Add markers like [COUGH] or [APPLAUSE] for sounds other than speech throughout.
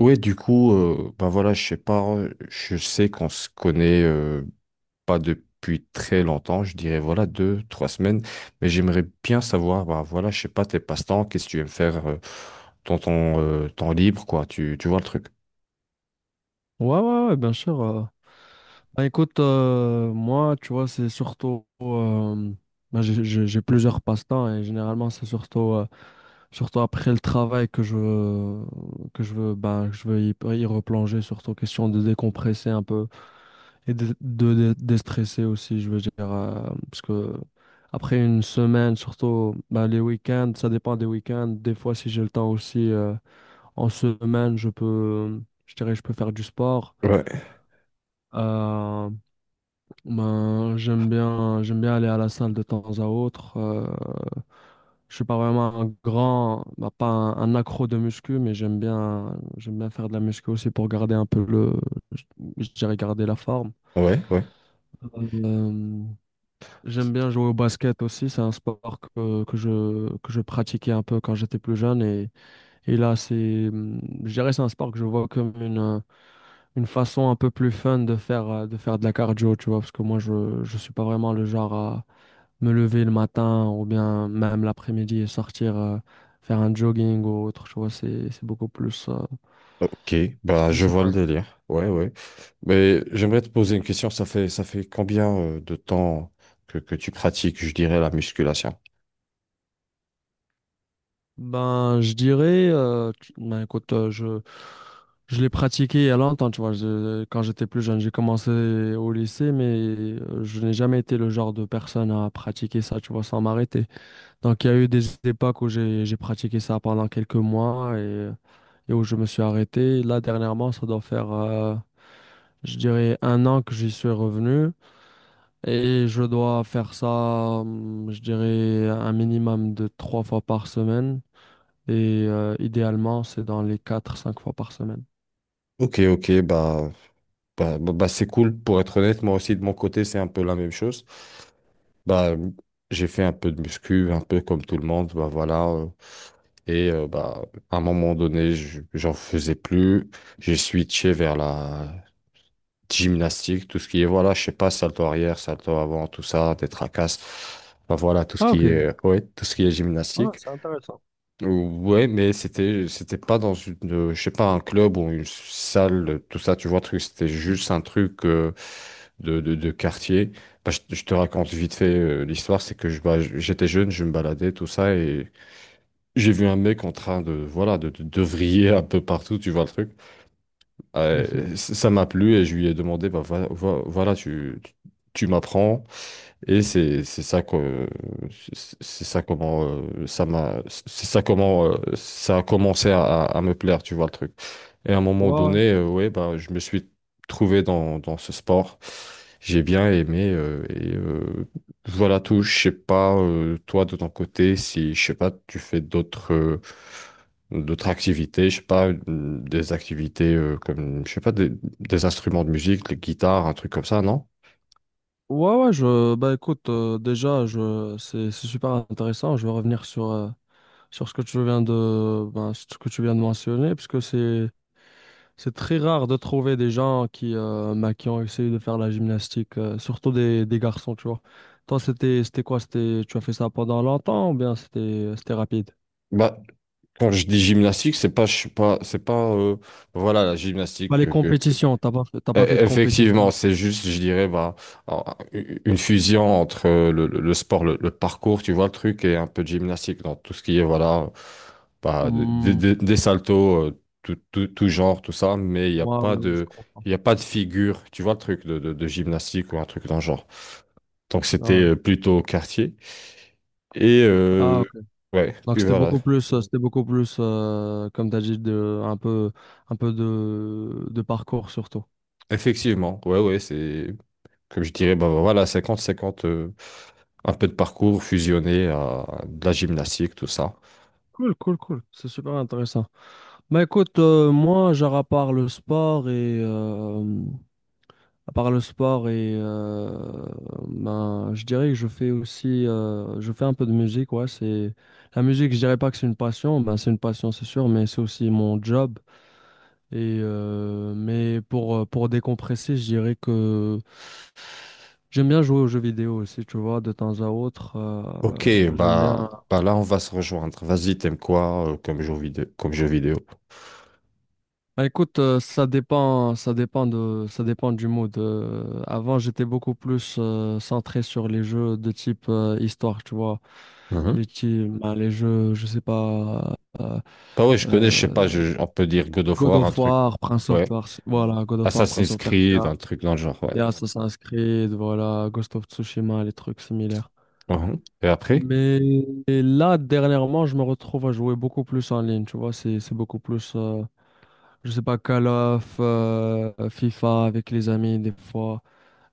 Ouais, du coup, bah voilà, je sais pas, je sais qu'on se connaît pas depuis très longtemps, je dirais voilà 2, 3 semaines, mais j'aimerais bien savoir, bah voilà, je sais pas tes passe-temps, qu'est-ce que tu aimes faire dans ton temps libre, quoi, tu vois le truc. Ouais, ouais, ouais, bien sûr. Bah, écoute, moi, tu vois, c'est surtout, j'ai plusieurs passe-temps et généralement, c'est surtout, surtout après le travail que je veux, bah, que je veux y replonger, surtout question de décompresser un peu et de déstresser aussi, je veux dire. Parce que après une semaine, surtout bah, les week-ends, ça dépend des week-ends. Des fois, si j'ai le temps aussi, en semaine, je dirais, je peux faire du sport. Ouais. Euh, ben, j'aime bien aller à la salle de temps à autre. Je suis pas vraiment un grand, bah, pas un, un accro de muscu, mais j'aime bien faire de la muscu aussi pour garder un peu le, je je dirais garder la forme. Ouais, ouais. Euh, J'aime bien jouer au basket aussi. C'est un sport que je pratiquais un peu quand j'étais plus jeune et là c'est, je dirais c'est un sport que je vois comme une façon un peu plus fun de faire, de faire de la cardio, tu vois, parce que je suis pas vraiment le genre à me lever le matin ou bien même l'après-midi et sortir faire un jogging ou autre, tu vois, c'est beaucoup plus, Ok, bah je je sais vois pas. le délire. Ouais, ouais. Mais j'aimerais te poser une question, ça fait combien de temps que tu pratiques, je dirais, la musculation? Ben, je dirais, écoute, je l'ai pratiqué il y a longtemps, tu vois, je- quand j'étais plus jeune, j'ai commencé au lycée, mais je n'ai jamais été le genre de personne à pratiquer ça, tu vois, sans m'arrêter. Donc, il y a eu des époques où j'ai pratiqué ça pendant quelques mois et où je me suis arrêté. Là, dernièrement, ça doit faire, je dirais, un an que j'y suis revenu. Et je dois faire ça, je dirais, un minimum de trois fois par semaine. Et idéalement, c'est dans les quatre, cinq fois par semaine. Ok, ok, bah, c'est cool, pour être honnête, moi aussi de mon côté, c'est un peu la même chose. Bah, j'ai fait un peu de muscu, un peu comme tout le monde, bah voilà. Et bah, à un moment donné, j'en faisais plus. J'ai switché vers la gymnastique, tout ce qui est, voilà, je sais pas, salto arrière, salto avant, tout ça, des tracasses. Bah voilà, tout ce Ah, qui ok. est, ouais, tout ce qui est Ah, gymnastique. c'est intéressant. [LAUGHS] Ouais, mais c'était pas dans une je sais pas un club ou une salle tout ça tu vois truc c'était juste un truc de quartier. Bah, je te raconte vite fait l'histoire c'est que je bah, j'étais jeune je me baladais tout ça et j'ai vu un mec en train de voilà de vriller un peu partout tu vois le truc. Ça m'a plu et je lui ai demandé bah voilà, voilà tu tu m'apprends et c'est ça comment ça m'a c'est ça comment ça a commencé à me plaire, tu vois le truc. Et à un moment Ouais, ouais. donné, ouais, bah je me suis trouvé dans ce sport. J'ai bien aimé et voilà tout. Je sais pas toi de ton côté si je sais pas tu fais d'autres d'autres activités, je sais pas des activités comme je sais pas des instruments de musique, les guitares, un truc comme ça, non? Ouais, ouais, bah écoute, déjà, c'est super intéressant. Je vais revenir sur, sur ce que tu viens de, ben, ce que tu viens de mentionner, puisque c'est très rare de trouver des gens qui, ben, qui ont essayé de faire la gymnastique, surtout des garçons, tu vois. Toi, c'était quoi? C'était, tu as fait ça pendant longtemps ou bien c'était rapide? bah Quand je dis gymnastique, c'est pas, je suis pas, c'est pas, voilà, la gymnastique. Bah, les compétitions, t'as pas fait de E- Effectivement, compétition. c'est juste, je dirais, en- une fusion entre le sport, le parcours, tu vois le truc, et un peu de gymnastique dans tout ce qui est, voilà, bah, Hmm, des saltos, tout genre, tout ça, mais il n'y a moi, pas ouais, ouais, je de, comprends. il y a pas de figure, tu vois le truc de gymnastique ou un truc dans le genre. Donc c'était Ah, ouais. Plutôt au quartier. Et Ah, ok. ouais, Donc puis c'était voilà. beaucoup plus, euh, comme t'as dit, un peu de parcours surtout. Effectivement, ouais, ouais, c'est. Comme je dirais, bah voilà, 50 50 un peu de parcours fusionné à de la gymnastique, tout ça. Cool, cool, cool. C'est super intéressant. Bah écoute, moi, à part le sport et ben, je dirais que je fais aussi je fais un peu de musique, ouais, c'est la musique, je dirais pas que c'est une passion, ben c'est une passion c'est sûr, mais c'est aussi mon job et mais pour décompresser, je dirais que j'aime bien jouer aux jeux vidéo aussi, tu vois, de temps à autre, Ok, j'aime bien. bah, bah là, on va se rejoindre. Vas-y, t'aimes quoi comme jeu vidéo, comme jeu vidéo? Bah, écoute, ça dépend, ça dépend du mood. Avant, j'étais beaucoup plus centré sur les jeux de type histoire, tu vois. Mhm. Les jeux, je sais pas, Bah ouais, je connais, je sais pas, euh, on peut dire God of God War, un of truc. War, Prince of Ouais. Persia, voilà, God of War, Prince Assassin's of Creed, Persia, un truc dans le genre, ouais. et Assassin's Creed, voilà, Ghost of Tsushima, les trucs similaires. Mhm. Et après? Mais et là, dernièrement, je me retrouve à jouer beaucoup plus en ligne, tu vois, c'est beaucoup plus. Je sais pas, Call of, FIFA avec les amis des fois,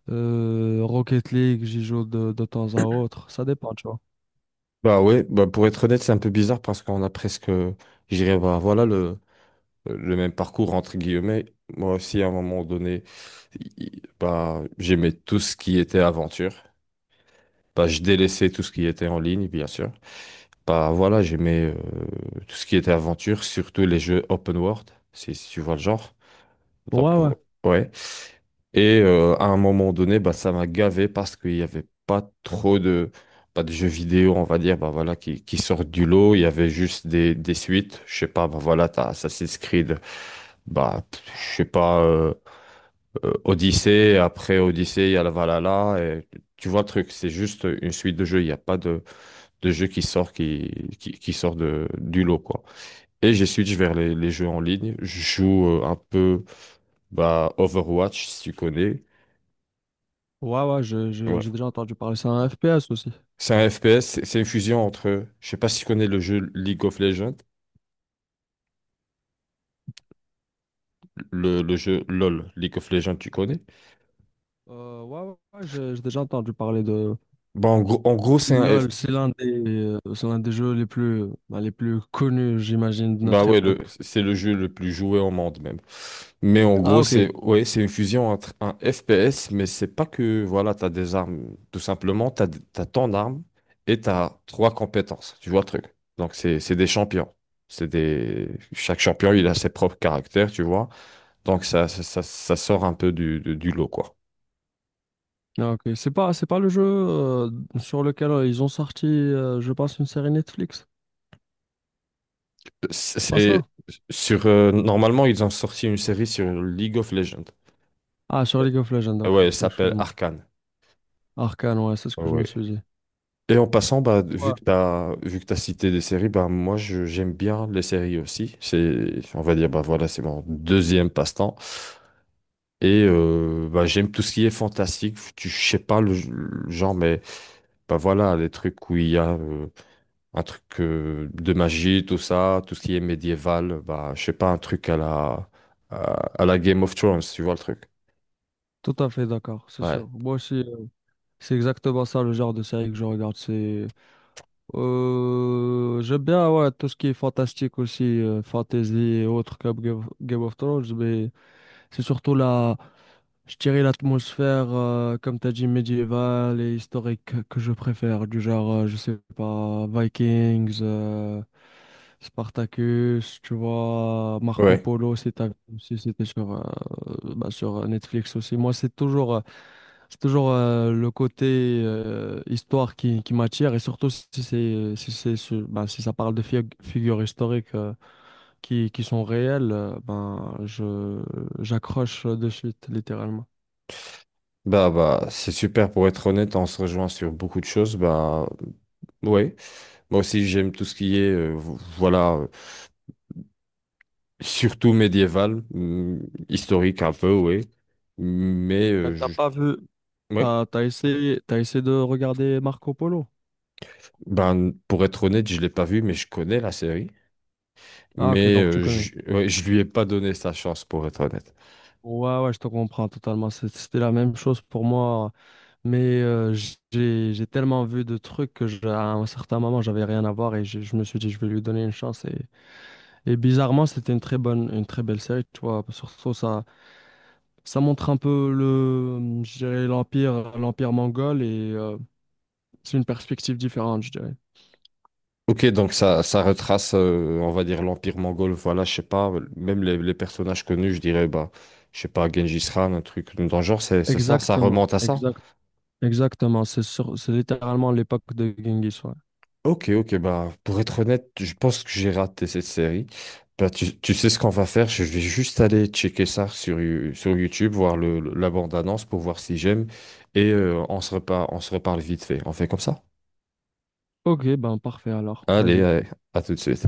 Rocket League, j'y joue de temps à autre, ça dépend, tu vois. Bah ouais, bah pour être honnête, c'est un peu bizarre parce qu'on a presque, je dirais, bah voilà le même parcours entre guillemets. Moi aussi, à un moment donné, i- j'aimais tout ce qui était aventure. Bah, je délaissais tout ce qui était en ligne, bien sûr. Bah voilà, j'aimais tout ce qui était aventure, surtout les jeux open world, si tu vois le genre. Donc, Ouais, ouais, ouais. Et à un moment donné, bah, ça m'a gavé parce qu'il n'y avait pas trop de, pas de jeux vidéo, on va dire, bah, voilà, qui sortent du lot. Il y avait juste des suites. Je sais pas, bah, voilà, t'as Assassin's Creed, bah, pff, je sais pas, Odyssey. Après Odyssey, il y a la Valhalla. Et tu vois le truc, c'est juste une suite de jeux. Il n'y a pas de, de jeux qui sort de, du lot, quoi. Et j'ai switch vers les jeux en ligne. Je joue un peu. Bah, Overwatch, si tu connais. ouais, ouais, Ouais. j'ai déjà entendu parler, c'est un FPS aussi. C'est un FPS, c'est une fusion entre. Je sais pas si tu connais le jeu League of Legends, le jeu LOL, League of Legends, tu connais. Ouais, ouais, ouais, j'ai déjà entendu parler Bah, en gros de c'est un F. LoL, c'est l'un des jeux les plus, bah, les plus connus, j'imagine, de Bah notre ouais, époque. C'est le jeu le plus joué au monde même. Mais en Ah, gros, ok. c'est ouais, c'est une fusion entre un FPS, mais c'est pas que voilà, t'as des armes. Tout simplement, t'as tant d'armes et t'as trois compétences. Tu vois le truc. Donc c'est des champions. C'est des. Chaque champion, il a ses propres caractères, tu vois. Donc ça sort un peu du lot, quoi. Ah, ok. C'est pas le jeu sur lequel ils ont sorti, je pense, une série Netflix. C'est pas C'est ça? sur normalement ils ont sorti une série sur League of Legends. Ah, sur League of Legends, Ah ok. ouais, elle s'appelle Excuse-moi. Arcane. Arcane, ouais, c'est ce Ah que je me ouais. suis dit. Et en passant, bah, Ouais. Vu que t'as cité des séries, bah moi j'aime bien les séries aussi. C'est, on va dire, bah voilà, c'est mon deuxième passe-temps. Et bah, j'aime tout ce qui est fantastique. Je sais pas le genre, mais bah voilà, les trucs où il y a un truc de magie, tout ça, tout ce qui est médiéval, bah, je sais pas, un truc à, à la Game of Thrones, tu vois le truc. Tout à fait d'accord, c'est Ouais. sûr. Moi aussi, c'est exactement ça le genre de série que je regarde. J'aime bien, ouais, tout ce qui est fantastique aussi, fantasy et autres comme Game of Thrones, mais c'est surtout la, je dirais l'atmosphère, comme tu as dit, médiévale et historique que je préfère, du genre, je sais pas, Vikings, Spartacus, tu vois, Marco Ouais. Polo, si t'as- si c'était sur, bah, sur Netflix aussi. Moi, c'est toujours, le côté histoire qui m'attire, et surtout si c'est, sur- bah, si ça parle de fig- figures historiques qui sont réelles, j'accroche de suite, littéralement. Bah, bah, c'est super pour être honnête, on se rejoint sur beaucoup de choses. Bah, ouais. Moi aussi, j'aime tout ce qui est, voilà, surtout médiéval, historique un peu, ouais. Mais, T'as pas vu, ouais. T'as essayé de regarder Marco Polo? Ben, pour être honnête, je l'ai pas vu, mais je connais la série. Ah ok, Mais donc tu connais. Ouais, je lui ai pas donné sa chance, pour être honnête. Ouais, ouais, je te comprends totalement. C'est- c'était la même chose pour moi, mais j'ai tellement vu de trucs que je- à un certain moment, j'avais rien à voir et je me suis dit, je vais lui donner une chance. Et bizarrement, c'était une très bonne, une très belle série, tu vois. Surtout, ça montre un peu le, je dirais, l'empire mongol et c'est une perspective différente, je dirais. Ok, donc ça retrace, on va dire, l'Empire mongol. Voilà, je sais pas, même les personnages connus, je dirais, bah, je sais pas, Gengis Khan, un truc dans le genre, ça Exactement, remonte à ça. exactement. Exactement, c'est sur- c'est littéralement l'époque de Genghis, ouais. Ok, ok, bah, pour être honnête, je pense que j'ai raté cette série. Bah, tu sais ce qu'on va faire, je vais juste aller checker ça sur YouTube, voir la bande-annonce pour voir si j'aime, et on se reparle vite fait. On fait comme ça? Ok, ben parfait alors, Allez, vas-y. allez, à tout de suite.